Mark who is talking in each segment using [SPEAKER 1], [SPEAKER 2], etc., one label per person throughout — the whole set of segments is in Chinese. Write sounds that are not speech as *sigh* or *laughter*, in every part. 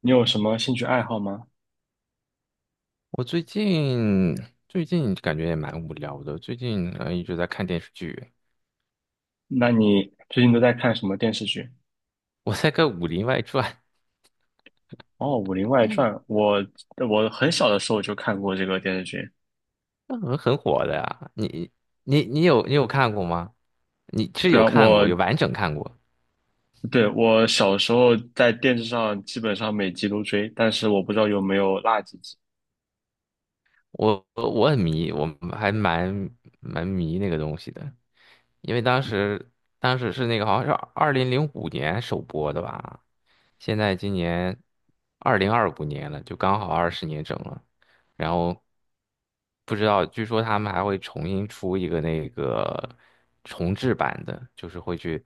[SPEAKER 1] 你有什么兴趣爱好吗？
[SPEAKER 2] 我最近感觉也蛮无聊的，最近一直在看电视剧。
[SPEAKER 1] 那你最近都在看什么电视剧？
[SPEAKER 2] 我在看《武林外传》，
[SPEAKER 1] 哦，《武林外传》，我很小的时候就看过这个电视剧。
[SPEAKER 2] *laughs* 那很火的呀。你有看过吗？你是
[SPEAKER 1] 对
[SPEAKER 2] 有
[SPEAKER 1] 啊，
[SPEAKER 2] 看
[SPEAKER 1] 我
[SPEAKER 2] 过，有完整看过。
[SPEAKER 1] 对我小时候在电视上基本上每集都追，但是我不知道有没有落几集。
[SPEAKER 2] 我很迷，我还蛮迷那个东西的，因为当时是那个好像是2005年首播的吧。现在今年2025年了，就刚好二十年整了。然后不知道，据说他们还会重新出一个那个重制版的，就是会去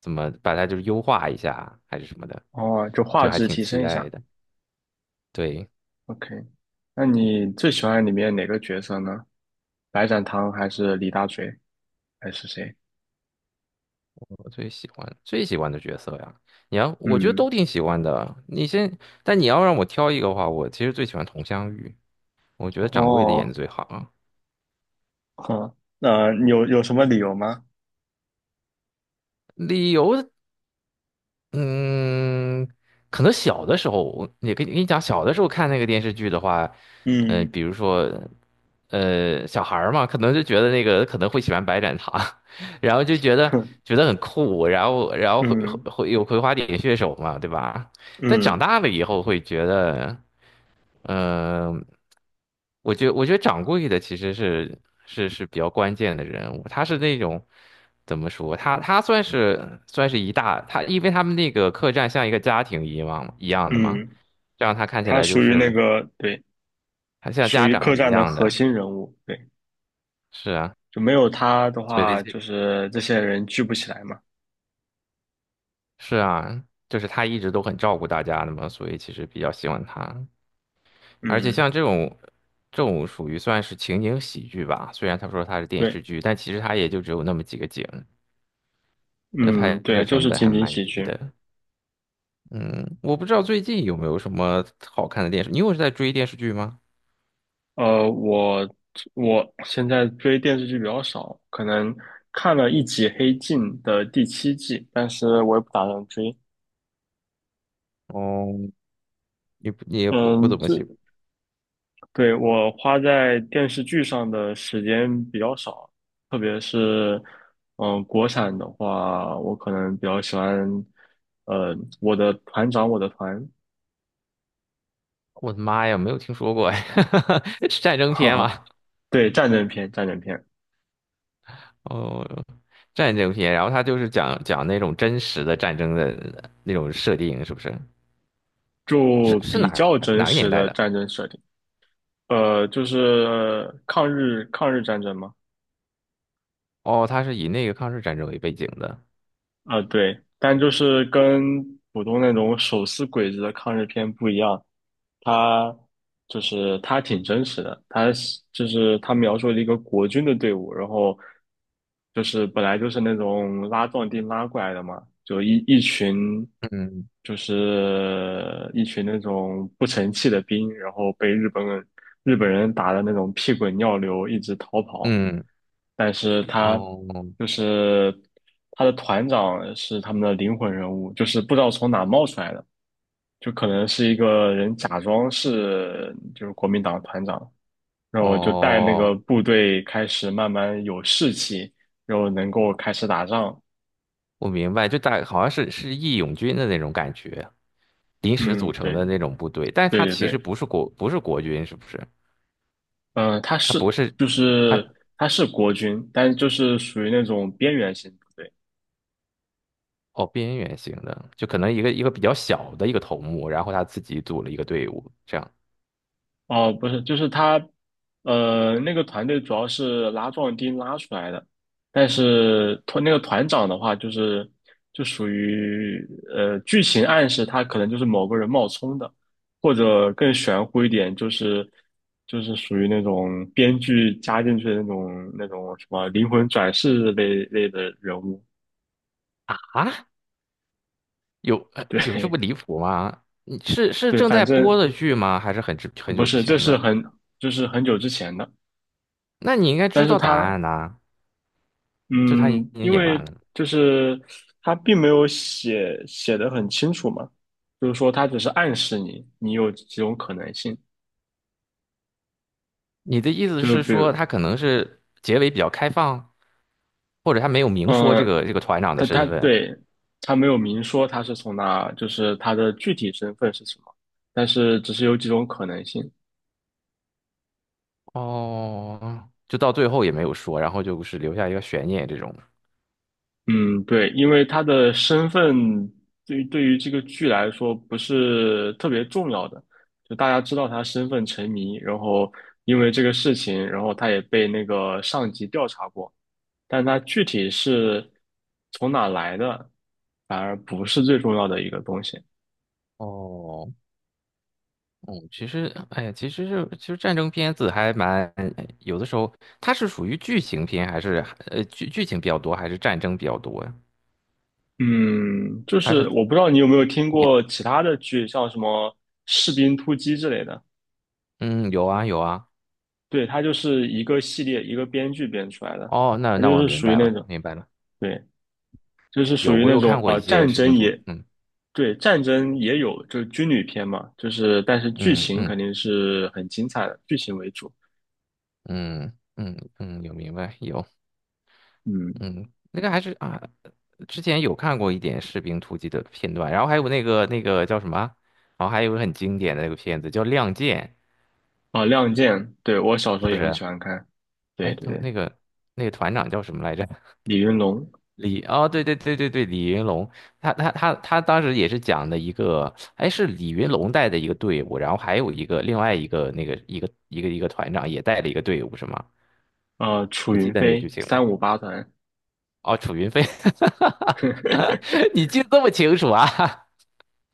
[SPEAKER 2] 怎么把它就是优化一下啊还是什么的，
[SPEAKER 1] 哦，就画
[SPEAKER 2] 就还
[SPEAKER 1] 质
[SPEAKER 2] 挺
[SPEAKER 1] 提
[SPEAKER 2] 期
[SPEAKER 1] 升一
[SPEAKER 2] 待
[SPEAKER 1] 下。
[SPEAKER 2] 的。对，
[SPEAKER 1] OK，那你最喜欢里面哪个角色呢？白展堂还是李大嘴还是谁？
[SPEAKER 2] 我最喜欢的角色呀，你要我觉得
[SPEAKER 1] 嗯，
[SPEAKER 2] 都挺喜欢的。但你要让我挑一个的话，我其实最喜欢佟湘玉，我觉得掌柜的演的
[SPEAKER 1] 哦，
[SPEAKER 2] 最好啊。
[SPEAKER 1] 好，那、你有什么理由吗？
[SPEAKER 2] 理由嗯，可能小的时候，我也跟你讲，小的时候看那个电视剧的话，
[SPEAKER 1] 嗯，
[SPEAKER 2] 比如说，小孩儿嘛，可能就觉得那个可能会喜欢白展堂，*laughs* 然后就
[SPEAKER 1] *laughs*
[SPEAKER 2] 觉得
[SPEAKER 1] 哼，
[SPEAKER 2] 觉得很酷，然后会
[SPEAKER 1] 嗯。
[SPEAKER 2] 会会有葵花点穴手嘛，对吧？但长
[SPEAKER 1] 嗯
[SPEAKER 2] 大了以后会觉得。嗯、我觉得掌柜的其实是比较关键的人物，他是那种怎么说？他算是算是一大，他因为他们那个客栈像一个家庭一样的嘛，
[SPEAKER 1] 嗯，
[SPEAKER 2] 这样他看起
[SPEAKER 1] 他
[SPEAKER 2] 来就
[SPEAKER 1] 属于那
[SPEAKER 2] 是
[SPEAKER 1] 个，对，
[SPEAKER 2] 他像
[SPEAKER 1] 属
[SPEAKER 2] 家
[SPEAKER 1] 于
[SPEAKER 2] 长
[SPEAKER 1] 客
[SPEAKER 2] 一
[SPEAKER 1] 栈的
[SPEAKER 2] 样
[SPEAKER 1] 核
[SPEAKER 2] 的，
[SPEAKER 1] 心人物，对，
[SPEAKER 2] 是啊，
[SPEAKER 1] 就没有他的
[SPEAKER 2] 所以
[SPEAKER 1] 话，
[SPEAKER 2] 这
[SPEAKER 1] 就是这些人聚不起来嘛。
[SPEAKER 2] 是啊，就是他一直都很照顾大家的嘛，所以其实比较喜欢他，而且
[SPEAKER 1] 嗯，
[SPEAKER 2] 像这种。这种属于算是情景喜剧吧，虽然他说他是电视
[SPEAKER 1] 对，
[SPEAKER 2] 剧，但其实他也就只有那么几个景。那
[SPEAKER 1] 嗯，
[SPEAKER 2] 拍摄
[SPEAKER 1] 对，就
[SPEAKER 2] 成
[SPEAKER 1] 是
[SPEAKER 2] 本还
[SPEAKER 1] 情景
[SPEAKER 2] 蛮
[SPEAKER 1] 喜
[SPEAKER 2] 低
[SPEAKER 1] 剧。
[SPEAKER 2] 的。嗯，我不知道最近有没有什么好看的电视，是在追电视剧吗？
[SPEAKER 1] 呃，我我现在追电视剧比较少，可能看了一集《黑镜》的第七季，但是我也不打算追。
[SPEAKER 2] 哦，你也不
[SPEAKER 1] 嗯，
[SPEAKER 2] 怎么喜，
[SPEAKER 1] 对，我花在电视剧上的时间比较少，特别是，国产的话，我可能比较喜欢，我的团长，我的团，*laughs*
[SPEAKER 2] 我的妈呀，没有听说过哎，*laughs* 是战争
[SPEAKER 1] 哈
[SPEAKER 2] 片
[SPEAKER 1] 哈，
[SPEAKER 2] 吗？
[SPEAKER 1] 对，战争片，战争片，
[SPEAKER 2] 哦，战争片，然后它就是讲讲那种真实的战争的那种设定，是不是？
[SPEAKER 1] 就
[SPEAKER 2] 是哪
[SPEAKER 1] 比较真
[SPEAKER 2] 哪个年
[SPEAKER 1] 实
[SPEAKER 2] 代
[SPEAKER 1] 的
[SPEAKER 2] 的？
[SPEAKER 1] 战争设定，就是抗日战争嘛，
[SPEAKER 2] 哦，它是以那个抗日战争为背景的。
[SPEAKER 1] 啊、对，但就是跟普通那种手撕鬼子的抗日片不一样，他就是他挺真实的，他是就是他描述了一个国军的队伍，然后就是本来就是那种拉壮丁拉过来的嘛，就一群
[SPEAKER 2] 嗯
[SPEAKER 1] 就是一群那种不成器的兵，然后被日本人打的那种屁滚尿流，一直逃跑，
[SPEAKER 2] 嗯，
[SPEAKER 1] 但是
[SPEAKER 2] 哦
[SPEAKER 1] 就是他的团长是他们的灵魂人物，就是不知道从哪冒出来的。就可能是一个人假装是国民党团长，然后就带那个
[SPEAKER 2] 哦。
[SPEAKER 1] 部队开始慢慢有士气，然后能够开始打仗。
[SPEAKER 2] 我明白，好像是义勇军的那种感觉，临时组
[SPEAKER 1] 嗯，
[SPEAKER 2] 成
[SPEAKER 1] 对，
[SPEAKER 2] 的那种部队，但是
[SPEAKER 1] 对
[SPEAKER 2] 它
[SPEAKER 1] 对
[SPEAKER 2] 其实
[SPEAKER 1] 对，
[SPEAKER 2] 不是国军，是不是？
[SPEAKER 1] 嗯、他
[SPEAKER 2] 他
[SPEAKER 1] 是
[SPEAKER 2] 不是，
[SPEAKER 1] 就是
[SPEAKER 2] 他
[SPEAKER 1] 他是国军，但就是属于那种边缘型。
[SPEAKER 2] 哦边缘型的，就可能一个比较小的一个头目，然后他自己组了一个队伍，这样
[SPEAKER 1] 哦，不是，就是他，那个团队主要是拉壮丁拉出来的，但是那个团长的话，就属于剧情暗示他可能就是某个人冒充的，或者更玄乎一点，就是属于那种编剧加进去的那种什么灵魂转世类的人物，
[SPEAKER 2] 啊？有这
[SPEAKER 1] 对
[SPEAKER 2] 么离
[SPEAKER 1] *laughs*
[SPEAKER 2] 谱吗？你是
[SPEAKER 1] 对，
[SPEAKER 2] 正
[SPEAKER 1] 反
[SPEAKER 2] 在播
[SPEAKER 1] 正
[SPEAKER 2] 的剧吗？还是很
[SPEAKER 1] 不
[SPEAKER 2] 久之
[SPEAKER 1] 是，这
[SPEAKER 2] 前
[SPEAKER 1] 是
[SPEAKER 2] 的？
[SPEAKER 1] 很就是很久之前的。
[SPEAKER 2] 那你应该
[SPEAKER 1] 但
[SPEAKER 2] 知
[SPEAKER 1] 是
[SPEAKER 2] 道答
[SPEAKER 1] 他
[SPEAKER 2] 案呐、就他已
[SPEAKER 1] 嗯，
[SPEAKER 2] 经
[SPEAKER 1] 因
[SPEAKER 2] 演完
[SPEAKER 1] 为
[SPEAKER 2] 了。
[SPEAKER 1] 就是他并没有写的很清楚嘛，就是说他只是暗示你，你有几种可能性，
[SPEAKER 2] 你的意思
[SPEAKER 1] 就是
[SPEAKER 2] 是
[SPEAKER 1] 比
[SPEAKER 2] 说，
[SPEAKER 1] 如，
[SPEAKER 2] 他可能是结尾比较开放，或者他没有明说这
[SPEAKER 1] 嗯，
[SPEAKER 2] 个这个团长的
[SPEAKER 1] 他
[SPEAKER 2] 身份？
[SPEAKER 1] 对，他没有明说他是从哪，就是他的具体身份是什么，但是只是有几种可能性，
[SPEAKER 2] 哦，就到最后也没有说，然后就是留下一个悬念这种。
[SPEAKER 1] 嗯，对，因为他的身份对于这个剧来说不是特别重要的，就大家知道他身份成谜，然后因为这个事情，然后他也被那个上级调查过，但他具体是从哪来的，反而不是最重要的一个东西。
[SPEAKER 2] 哦，嗯，其实，哎呀，其实是，其实战争片子还蛮，有的时候它是属于剧情片，还是剧情比较多，还是战争比较多呀？
[SPEAKER 1] 嗯，就
[SPEAKER 2] 它
[SPEAKER 1] 是
[SPEAKER 2] 是，
[SPEAKER 1] 我不知道你有没有听过其他的剧，像什么《士兵突击》之类的，
[SPEAKER 2] 嗯，有啊有啊。
[SPEAKER 1] 对，它就是一个系列一个编剧编出来的，
[SPEAKER 2] 哦，那
[SPEAKER 1] 它就
[SPEAKER 2] 那我
[SPEAKER 1] 是
[SPEAKER 2] 明
[SPEAKER 1] 属于
[SPEAKER 2] 白
[SPEAKER 1] 那
[SPEAKER 2] 了，
[SPEAKER 1] 种。
[SPEAKER 2] 明白了。
[SPEAKER 1] 对。就是属
[SPEAKER 2] 有，
[SPEAKER 1] 于
[SPEAKER 2] 我
[SPEAKER 1] 那
[SPEAKER 2] 有看
[SPEAKER 1] 种
[SPEAKER 2] 过一些
[SPEAKER 1] 战
[SPEAKER 2] 视频
[SPEAKER 1] 争
[SPEAKER 2] 图，
[SPEAKER 1] 也，
[SPEAKER 2] 嗯
[SPEAKER 1] 对，战争也有，就是军旅片嘛，就是但是剧
[SPEAKER 2] 嗯
[SPEAKER 1] 情肯
[SPEAKER 2] 嗯
[SPEAKER 1] 定是很精彩的，剧情为主。
[SPEAKER 2] 嗯嗯嗯，有明白有。
[SPEAKER 1] 嗯，
[SPEAKER 2] 嗯，那个还是啊，之前有看过一点《士兵突击》的片段，然后还有那个叫什么，然后还有个很经典的那个片子叫《亮剑》，
[SPEAKER 1] 啊，《亮剑》，对，我小时
[SPEAKER 2] 是
[SPEAKER 1] 候
[SPEAKER 2] 不
[SPEAKER 1] 也很
[SPEAKER 2] 是？
[SPEAKER 1] 喜欢看。对
[SPEAKER 2] 哎，
[SPEAKER 1] 对
[SPEAKER 2] 他
[SPEAKER 1] 对，
[SPEAKER 2] 那个团长叫什么来着？
[SPEAKER 1] 李云龙，
[SPEAKER 2] 哦，对对对对对，李云龙，他当时也是讲的一个，哎，是李云龙带的一个队伍，然后还有一个另外一个那个一个团长也带了一个队伍，是吗？
[SPEAKER 1] 啊，楚
[SPEAKER 2] 你记
[SPEAKER 1] 云
[SPEAKER 2] 得那个剧
[SPEAKER 1] 飞，
[SPEAKER 2] 情
[SPEAKER 1] 三
[SPEAKER 2] 吗？
[SPEAKER 1] 五八团。
[SPEAKER 2] 哦，楚云飞，*laughs*
[SPEAKER 1] *laughs*
[SPEAKER 2] 你记得这么清楚啊？*laughs*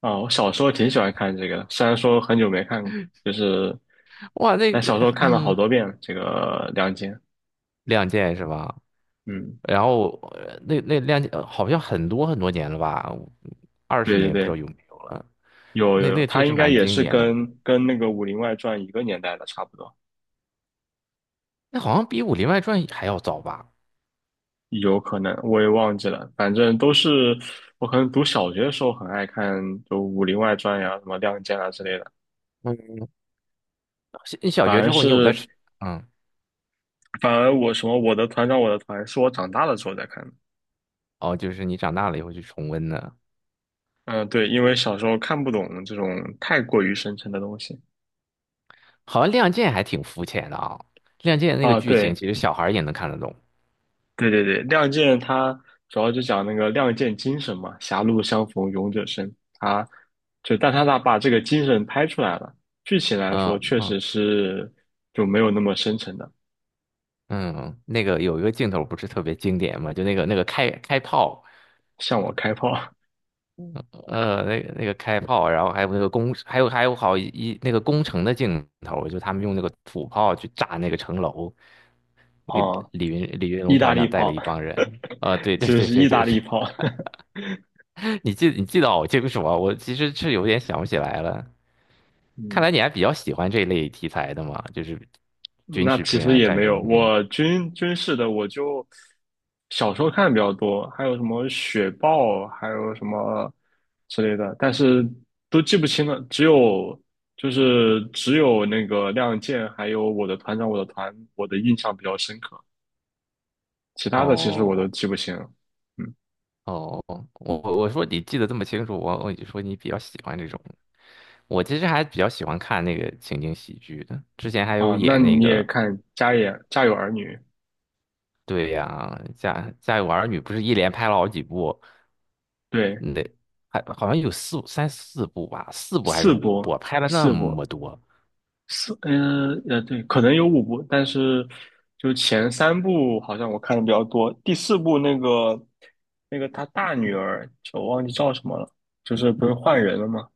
[SPEAKER 1] 啊，我小时候挺喜欢看这个的，虽然说很久没看过，就是
[SPEAKER 2] 哇，那
[SPEAKER 1] 但小时
[SPEAKER 2] 个，
[SPEAKER 1] 候看了好
[SPEAKER 2] 嗯。
[SPEAKER 1] 多遍这个《亮剑》。
[SPEAKER 2] 亮剑是吧？
[SPEAKER 1] 嗯，
[SPEAKER 2] 然后那亮剑好像很多很多年了吧，二十
[SPEAKER 1] 对对
[SPEAKER 2] 年不知道
[SPEAKER 1] 对，
[SPEAKER 2] 有没有了。
[SPEAKER 1] 有有
[SPEAKER 2] 那
[SPEAKER 1] 有，
[SPEAKER 2] 那确
[SPEAKER 1] 他
[SPEAKER 2] 实
[SPEAKER 1] 应该
[SPEAKER 2] 蛮
[SPEAKER 1] 也
[SPEAKER 2] 经
[SPEAKER 1] 是
[SPEAKER 2] 典的，
[SPEAKER 1] 跟那个《武林外传》一个年代的，差不多，
[SPEAKER 2] 那好像比《武林外传》还要早吧？
[SPEAKER 1] 有可能我也忘记了，反正都是我可能读小学的时候很爱看，就《武林外传》呀、什么《亮剑》啊之类的。
[SPEAKER 2] 嗯，小你小
[SPEAKER 1] 反
[SPEAKER 2] 学
[SPEAKER 1] 而
[SPEAKER 2] 之后你有在
[SPEAKER 1] 是
[SPEAKER 2] 吃？嗯，
[SPEAKER 1] 反而我什么我的团长我的团是我长大了之后再看的
[SPEAKER 2] 哦，就是你长大了以后去重温的，
[SPEAKER 1] 嗯，对，因为小时候看不懂这种太过于深沉的东西
[SPEAKER 2] 好像《亮剑》还挺肤浅的啊，《亮剑》那个
[SPEAKER 1] 啊。
[SPEAKER 2] 剧情
[SPEAKER 1] 对，
[SPEAKER 2] 其实小孩儿也能看得懂。
[SPEAKER 1] 对对对，《亮剑》它主要就讲那个亮剑精神嘛，狭路相逢勇者胜。它就，但它把这个精神拍出来了。剧情来
[SPEAKER 2] 嗯
[SPEAKER 1] 说，确实
[SPEAKER 2] 嗯
[SPEAKER 1] 是就没有那么深沉的，
[SPEAKER 2] 嗯，那个有一个镜头不是特别经典嘛，就那个开炮。
[SPEAKER 1] 向我开炮，
[SPEAKER 2] 那个开炮，然后还有那个工，还有好一一那个工程的镜头，就他们用那个土炮去炸那个城楼，
[SPEAKER 1] *laughs*
[SPEAKER 2] 那个
[SPEAKER 1] 哦，
[SPEAKER 2] 李云龙
[SPEAKER 1] 意大
[SPEAKER 2] 团
[SPEAKER 1] 利
[SPEAKER 2] 长带了
[SPEAKER 1] 炮，
[SPEAKER 2] 一帮人，啊、对对
[SPEAKER 1] 其实
[SPEAKER 2] 对
[SPEAKER 1] 是
[SPEAKER 2] 对
[SPEAKER 1] 意大
[SPEAKER 2] 对对，
[SPEAKER 1] 利炮。*laughs*
[SPEAKER 2] *laughs* 你记得好清楚啊，我其实是有点想不起来了，看
[SPEAKER 1] 嗯，
[SPEAKER 2] 来你还比较喜欢这类题材的嘛，就是军
[SPEAKER 1] 那
[SPEAKER 2] 事
[SPEAKER 1] 其
[SPEAKER 2] 片
[SPEAKER 1] 实
[SPEAKER 2] 啊、
[SPEAKER 1] 也
[SPEAKER 2] 战
[SPEAKER 1] 没有，
[SPEAKER 2] 争片。
[SPEAKER 1] 我军事的我就小时候看的比较多，还有什么雪豹，还有什么之类的，但是都记不清了。只有那个亮剑，还有我的团长，我的团，我的印象比较深刻，其他的其实我都
[SPEAKER 2] 哦
[SPEAKER 1] 记不清了。嗯，
[SPEAKER 2] 哦，我说你记得这么清楚，我就说你比较喜欢这种。我其实还比较喜欢看那个情景喜剧的，之前还有
[SPEAKER 1] 啊，那
[SPEAKER 2] 演那
[SPEAKER 1] 你也
[SPEAKER 2] 个，
[SPEAKER 1] 看《家有儿女》，
[SPEAKER 2] 对呀，家家有儿女不是一连拍了好几部，
[SPEAKER 1] 对，
[SPEAKER 2] 那还好像有四三四部吧，四部还是
[SPEAKER 1] 四
[SPEAKER 2] 五
[SPEAKER 1] 部
[SPEAKER 2] 部，拍了那
[SPEAKER 1] 四部，
[SPEAKER 2] 么多，
[SPEAKER 1] 对，可能有五部，但是就前三部好像我看的比较多，第四部那个他大女儿，我忘记叫什么了，就是不是换人了吗？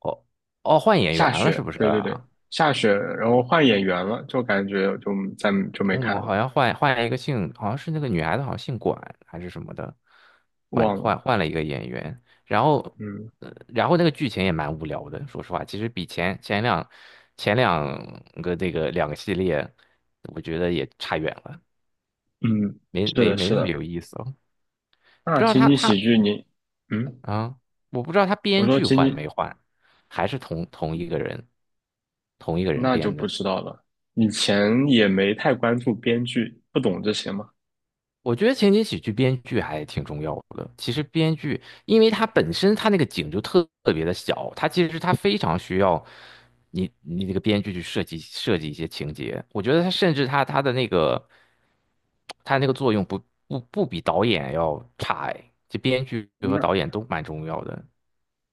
[SPEAKER 2] 哦哦，换演
[SPEAKER 1] 夏
[SPEAKER 2] 员了是
[SPEAKER 1] 雪，
[SPEAKER 2] 不是
[SPEAKER 1] 对对对，
[SPEAKER 2] 啊？
[SPEAKER 1] 夏雪，然后换演员了，就感觉就再就没
[SPEAKER 2] 嗯，
[SPEAKER 1] 看
[SPEAKER 2] 我
[SPEAKER 1] 了，
[SPEAKER 2] 好像换了一个姓，好像是那个女孩子，好像姓管还是什么的，换
[SPEAKER 1] 忘了，
[SPEAKER 2] 换换了一个演员，然后，
[SPEAKER 1] 嗯
[SPEAKER 2] 然后那个剧情也蛮无聊的，说实话，其实比前两个系列，我觉得也差远了，
[SPEAKER 1] 嗯，
[SPEAKER 2] 没
[SPEAKER 1] 是
[SPEAKER 2] 没
[SPEAKER 1] 的，
[SPEAKER 2] 没
[SPEAKER 1] 是
[SPEAKER 2] 那么
[SPEAKER 1] 的，
[SPEAKER 2] 有意思了。不
[SPEAKER 1] 那
[SPEAKER 2] 知道
[SPEAKER 1] 情
[SPEAKER 2] 他
[SPEAKER 1] 景喜
[SPEAKER 2] 他
[SPEAKER 1] 剧你，嗯，
[SPEAKER 2] 啊，我不知道他
[SPEAKER 1] 我
[SPEAKER 2] 编
[SPEAKER 1] 说
[SPEAKER 2] 剧
[SPEAKER 1] 情
[SPEAKER 2] 换
[SPEAKER 1] 景
[SPEAKER 2] 没换，还是同一个人，同一个人
[SPEAKER 1] 那就
[SPEAKER 2] 编
[SPEAKER 1] 不
[SPEAKER 2] 的。
[SPEAKER 1] 知道了，以前也没太关注编剧，不懂这些嘛。
[SPEAKER 2] 我觉得情景喜剧编剧还挺重要的。其实编剧，因为它本身它那个景就特别的小，它其实它非常需要你这个编剧去设计设计一些情节。我觉得它甚至它它的那个它那个作用不比导演要差哎，这编剧和
[SPEAKER 1] 那
[SPEAKER 2] 导演都蛮重要的。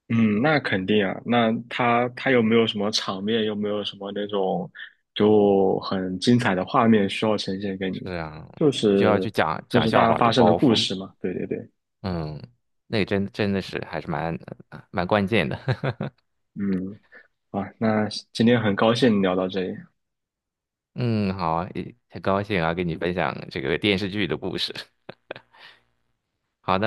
[SPEAKER 1] 嗯，那肯定啊。那他有没有什么场面，又没有什么那种就很精彩的画面需要呈现给你？
[SPEAKER 2] 是啊，
[SPEAKER 1] 就
[SPEAKER 2] 就要
[SPEAKER 1] 是
[SPEAKER 2] 去讲
[SPEAKER 1] 就
[SPEAKER 2] 讲
[SPEAKER 1] 是大
[SPEAKER 2] 笑
[SPEAKER 1] 家
[SPEAKER 2] 话
[SPEAKER 1] 发
[SPEAKER 2] 抖
[SPEAKER 1] 生的
[SPEAKER 2] 包
[SPEAKER 1] 故
[SPEAKER 2] 袱，
[SPEAKER 1] 事嘛。对对对，
[SPEAKER 2] 嗯，那个真的是还是蛮关键的。
[SPEAKER 1] 嗯，啊，那今天很高兴聊到这里。
[SPEAKER 2] 嗯，好啊，也很高兴啊，跟你分享这个电视剧的故事。好，的。